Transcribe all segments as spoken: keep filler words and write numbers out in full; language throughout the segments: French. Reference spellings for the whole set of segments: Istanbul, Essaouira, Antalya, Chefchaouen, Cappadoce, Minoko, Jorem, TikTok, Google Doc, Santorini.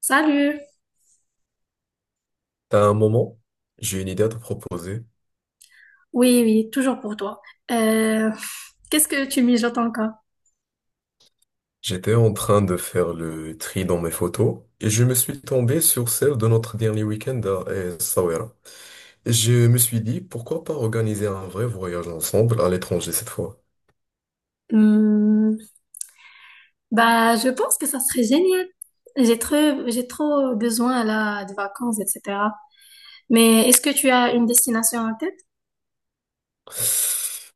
Salut! À un moment, j'ai une idée à te proposer. Oui, oui, toujours pour toi. Euh, Qu'est-ce que tu mijotes encore? J'étais en train de faire le tri dans mes photos et je me suis tombé sur celle de notre dernier week-end à euh, Essaouira. Et je me suis dit, pourquoi pas organiser un vrai voyage ensemble à l'étranger cette fois? Hmm, bah, je pense que ça serait génial. J'ai trop, j'ai trop besoin là de vacances, et cetera. Mais est-ce que tu as une destination en tête?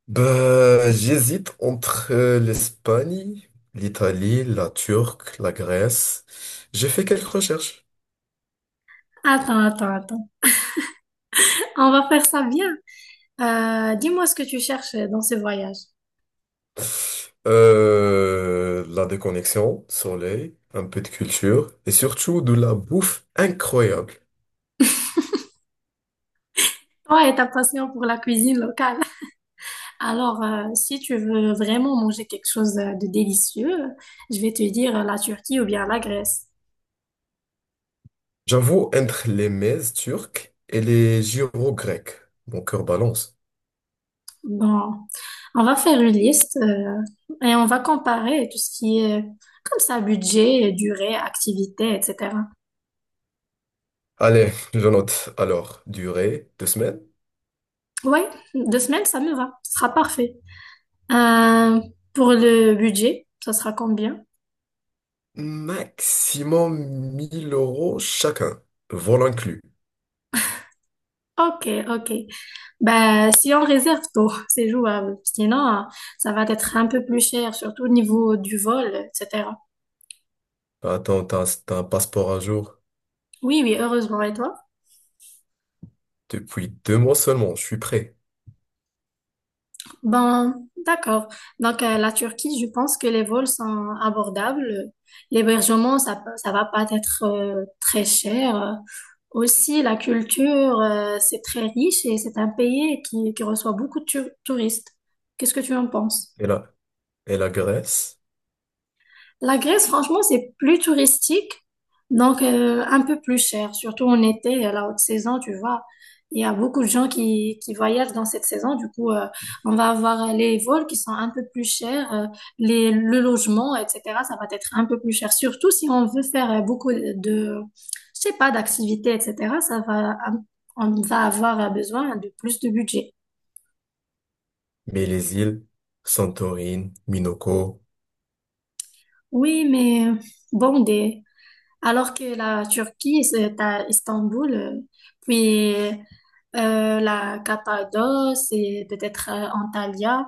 Bah, j'hésite entre euh, l'Espagne, l'Italie, la Turquie, la Grèce. J'ai fait quelques recherches. Attends, attends, attends. On va faire ça bien. Euh, dis-moi ce que tu cherches dans ce voyage. Euh, la déconnexion, soleil, un peu de culture et surtout de la bouffe incroyable. Toi et ta passion pour la cuisine locale. Alors, euh, si tu veux vraiment manger quelque chose euh, de délicieux, je vais te dire euh, la Turquie ou bien la Grèce. J'avoue, entre les mezes turques et les gyros grecs, mon cœur balance. Bon, on va faire une liste euh, et on va comparer tout ce qui est comme ça, budget, durée, activité, et cetera. Allez, je note. Alors, durée, deux semaines, Oui, deux semaines, ça me va. Ce sera parfait. Euh, pour le budget, ça sera combien? maximum mille euros chacun, vol inclus. Ok, ok. Bah, si on réserve tôt, c'est jouable. Sinon, euh, ça va être un peu plus cher, surtout au niveau du vol, et cetera. Attends, t'as, t'as un passeport à jour? Oui, oui, heureusement. Et toi? Depuis deux mois seulement, je suis prêt. Ben, d'accord. Donc, euh, la Turquie, je pense que les vols sont abordables. L'hébergement, ça, peut- ça va pas être euh, très cher. Aussi, la culture, euh, c'est très riche et c'est un pays qui, qui reçoit beaucoup de tu- touristes. Qu'est-ce que tu en penses? Et la, et la Grèce, La Grèce, franchement, c'est plus touristique, donc euh, un peu plus cher, surtout en été, à la haute saison, tu vois. Il y a beaucoup de gens qui, qui voyagent dans cette saison, du coup, euh, on va avoir les vols qui sont un peu plus chers, euh, les, le logement, et cetera, ça va être un peu plus cher. Surtout si on veut faire euh, beaucoup de, je sais pas, d'activités, et cetera, ça va, on va avoir besoin de plus de budget. mais les îles, Santorini, Minoko. Oui, mais bon, des, alors que la Turquie, c'est à Istanbul, euh, puis euh, la Cappadoce et peut-être euh, Antalya.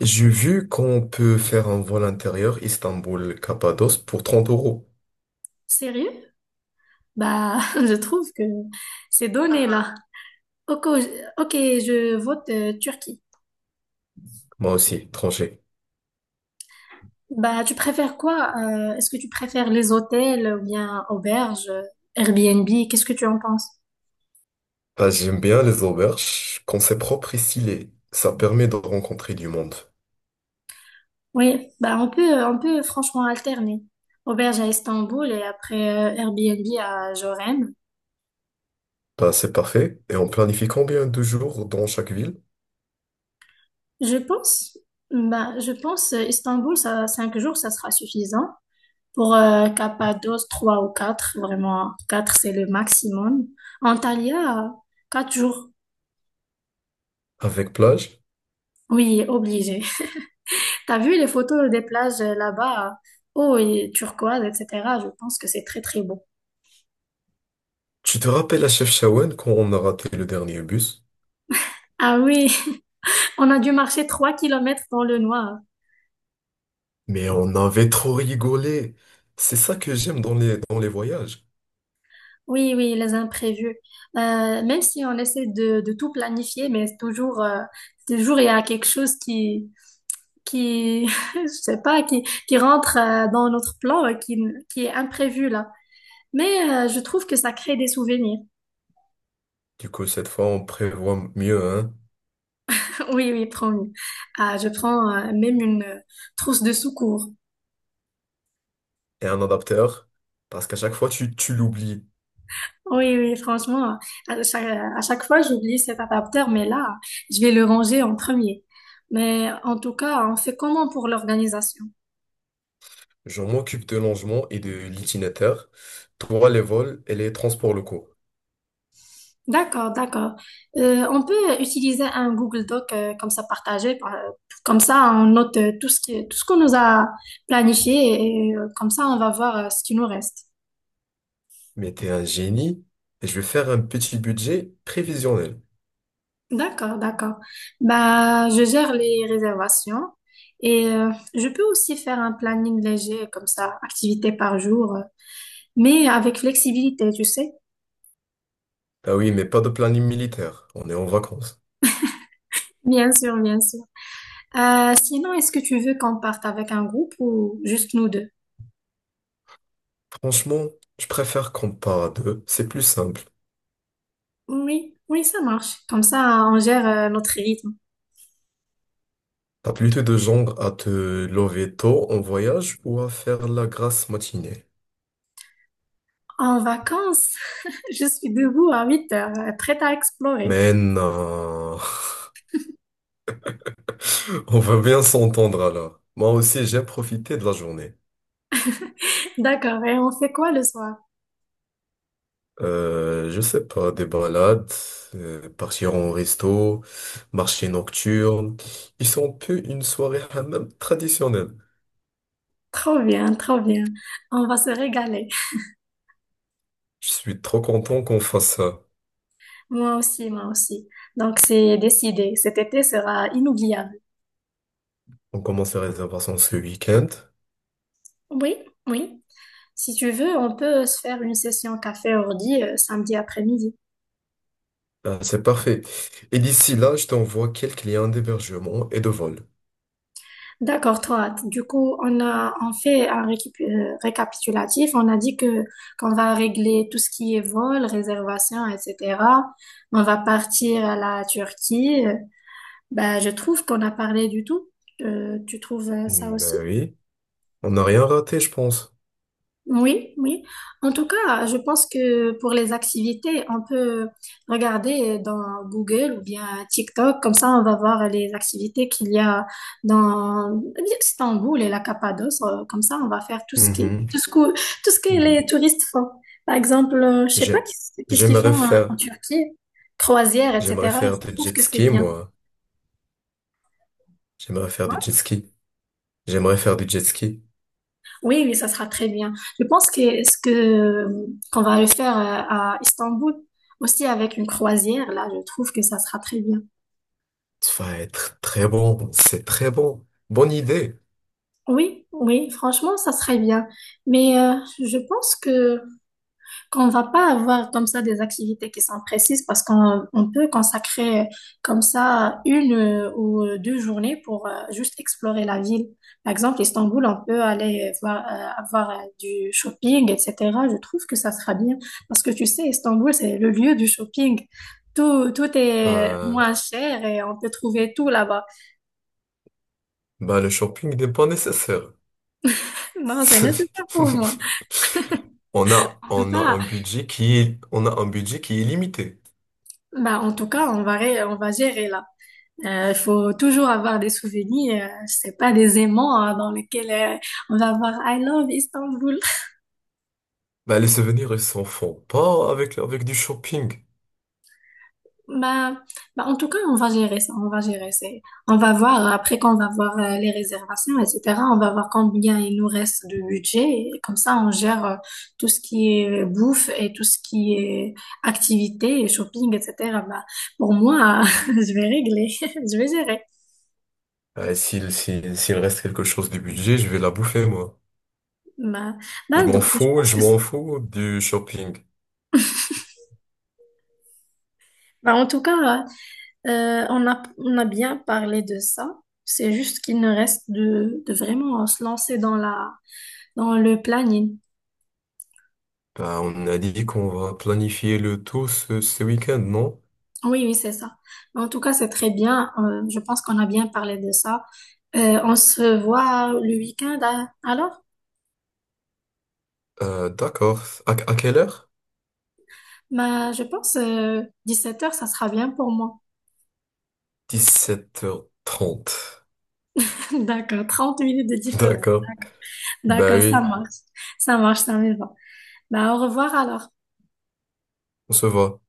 J'ai vu qu'on peut faire un vol intérieur Istanbul-Cappadoce pour trente euros. Sérieux? Bah, je trouve que ces données-là. Ok, je ok, je vote euh, Turquie. Moi aussi, tranché. Bah, tu préfères quoi? Euh, est-ce que tu préfères les hôtels ou bien auberges, euh, Airbnb? Qu'est-ce que tu en penses? Bah, j'aime bien les auberges quand c'est propre et stylé. Ça permet de rencontrer du monde. Oui, bah on peut, euh, on peut franchement alterner. Auberge à Istanbul et après euh, Airbnb à Jorem. Bah, c'est parfait. Et on planifie combien de jours dans chaque ville Je pense, bah, je pense euh, Istanbul, ça, cinq jours, ça sera suffisant. Pour euh, Cappadoce, trois ou quatre, vraiment, quatre, c'est le maximum. Antalya, euh, quatre jours. avec plage? Oui, obligé. T'as vu les photos des plages euh, là-bas, eau et turquoise, et cetera. Je pense que c'est très, très beau. Tu te rappelles à Chefchaouen quand on a raté le dernier bus? Ah oui, on a dû marcher trois kilomètres dans le noir. Mais on avait trop rigolé. C'est ça que j'aime dans les, dans les voyages. Oui, oui, les imprévus. Euh, même si on essaie de, de tout planifier, mais toujours, euh, toujours il y a quelque chose qui, qui, je sais pas, qui, qui rentre euh, dans notre plan, euh, qui, qui est imprévu là. Mais euh, je trouve que ça crée des souvenirs. Du coup, cette fois, on prévoit mieux, hein? Oui, oui, promis. Ah, je prends euh, même une euh, trousse de secours. Et un adapteur. Parce qu'à chaque fois, tu, tu l'oublies. Oui, oui, franchement, à chaque, à chaque fois, j'oublie cet adaptateur, mais là, je vais le ranger en premier. Mais en tout cas, on fait comment pour l'organisation? Je m'occupe de l'angement et de l'itinéraire. Toi, les vols et les transports locaux. D'accord, d'accord. Euh, on peut utiliser un Google Doc euh, comme ça partagé, par- comme ça on note euh, tout ce qui, tout ce qu'on nous a planifié et euh, comme ça on va voir euh, ce qui nous reste. Mais t'es un génie et je vais faire un petit budget prévisionnel. D'accord, d'accord. Bah, je gère les réservations et euh, je peux aussi faire un planning léger comme ça, activité par jour, euh, mais avec flexibilité, tu sais. Ah oui, mais pas de planning militaire. On est en vacances. Bien sûr, bien sûr. Euh, sinon, est-ce que tu veux qu'on parte avec un groupe ou juste nous deux? Franchement, je préfère qu'on part à deux. C'est plus simple. Oui, oui, ça marche. Comme ça, on gère euh, notre rythme. T'as plutôt de genre à te lever tôt en voyage ou à faire la grasse matinée. En vacances, je suis debout à huit heures, euh, prête à explorer. Mais non. On va bien s'entendre alors. Moi aussi, j'ai profité de la journée. D'accord, et on fait quoi le soir? Euh, je sais pas, des balades, euh, partir en resto, marché nocturne. Ils sont un peu une soirée hammam traditionnelle. Trop bien, trop bien. On va se régaler. Je suis trop content qu'on fasse ça. Moi aussi, moi aussi. Donc, c'est décidé. Cet été sera inoubliable. On commence les réservations ce week-end. Oui, oui. Si tu veux, on peut se faire une session café ordi euh, samedi après-midi. Ah, c'est parfait. Et d'ici là, je t'envoie quelques liens d'hébergement et de vol. D'accord, toi. Du coup, on a, on fait un récup- euh, récapitulatif. On a dit que qu'on va régler tout ce qui est vol, réservation, et cetera. On va partir à la Turquie. Euh, Ben, je trouve qu'on a parlé du tout. Euh, tu trouves euh, ça Mm, aussi? ben oui, on n'a rien raté, je pense. Oui, oui. En tout cas, je pense que pour les activités, on peut regarder dans Google ou bien TikTok. Comme ça, on va voir les activités qu'il y a dans Istanbul et la Cappadoce. Euh, Comme ça, on va faire tout ce qui, Mhm, tout ce que, tout ce que les mhm. touristes font. Par exemple, euh, je sais pas J'ai- qu'est-ce qu'est-ce qu'ils J'aimerais font en en faire, Turquie, croisière, J'aimerais et cetera. faire du Je trouve jet que c'est ski, bien. moi. J'aimerais faire du jet ski. J'aimerais faire du jet ski. Oui, oui, ça sera très bien. Je pense que ce que qu'on va le faire euh, à Istanbul aussi avec une croisière, là, je trouve que ça sera très bien. Ça va être très bon, c'est très bon. Bonne idée. Oui, oui, franchement, ça serait bien. Mais euh, je pense que qu'on va pas avoir comme ça des activités qui sont précises parce qu'on on peut consacrer euh, comme ça une euh, ou deux journées pour euh, juste explorer la ville. Par exemple, Istanbul, on peut aller voir, euh, avoir euh, du shopping, et cetera. Je trouve que ça sera bien parce que tu sais, Istanbul, c'est le lieu du shopping. Tout, tout est Bah, moins cher et on peut trouver tout là-bas. bah, le shopping n'est pas nécessaire. Non, c'est nécessaire pour moi. On a, On peut on a pas. un budget qui est, on a un budget qui est limité. Bah, en tout cas, on va, ré- on va gérer là. Euh, Il faut toujours avoir des souvenirs, euh, c'est pas des aimants hein, dans lesquels euh, on va avoir I love Istanbul. Bah, les souvenirs, ils s'en font pas avec, avec du shopping. Bah, bah, en tout cas, on va gérer ça, on va gérer ça. On va voir, après qu'on va voir euh, les réservations, et cetera, on va voir combien il nous reste de budget. Et comme ça, on gère euh, tout ce qui est euh, bouffe et tout ce qui est activité et shopping, et cetera. Bah, pour moi, je vais régler, je vais gérer. Bah, s'il, s'il, s'il reste quelque chose du budget, je vais la bouffer, moi. Bah, Je bah, m'en donc, je fous, pense je que c'est- m'en fous du shopping. bah, en tout cas, euh, Euh, on a, on a bien parlé de ça. C'est juste qu'il ne reste de, de vraiment se lancer dans la, dans le planning. Bah, on a dit qu'on va planifier le tout ce, ce week-end, non? Oui, oui, c'est ça. En tout cas, c'est très bien. Euh, je pense qu'on a bien parlé de ça. Euh, on se voit le week-end hein, alors? Euh, d'accord. À, à quelle heure? Bah, je pense euh, dix-sept heures, ça sera bien pour moi. Dix-sept heures trente. D'accord, trente minutes de différence. D'accord. D'accord, Bah d'accord, ça oui, marche. Ça marche, ça me va. Bah, au revoir alors. on se voit.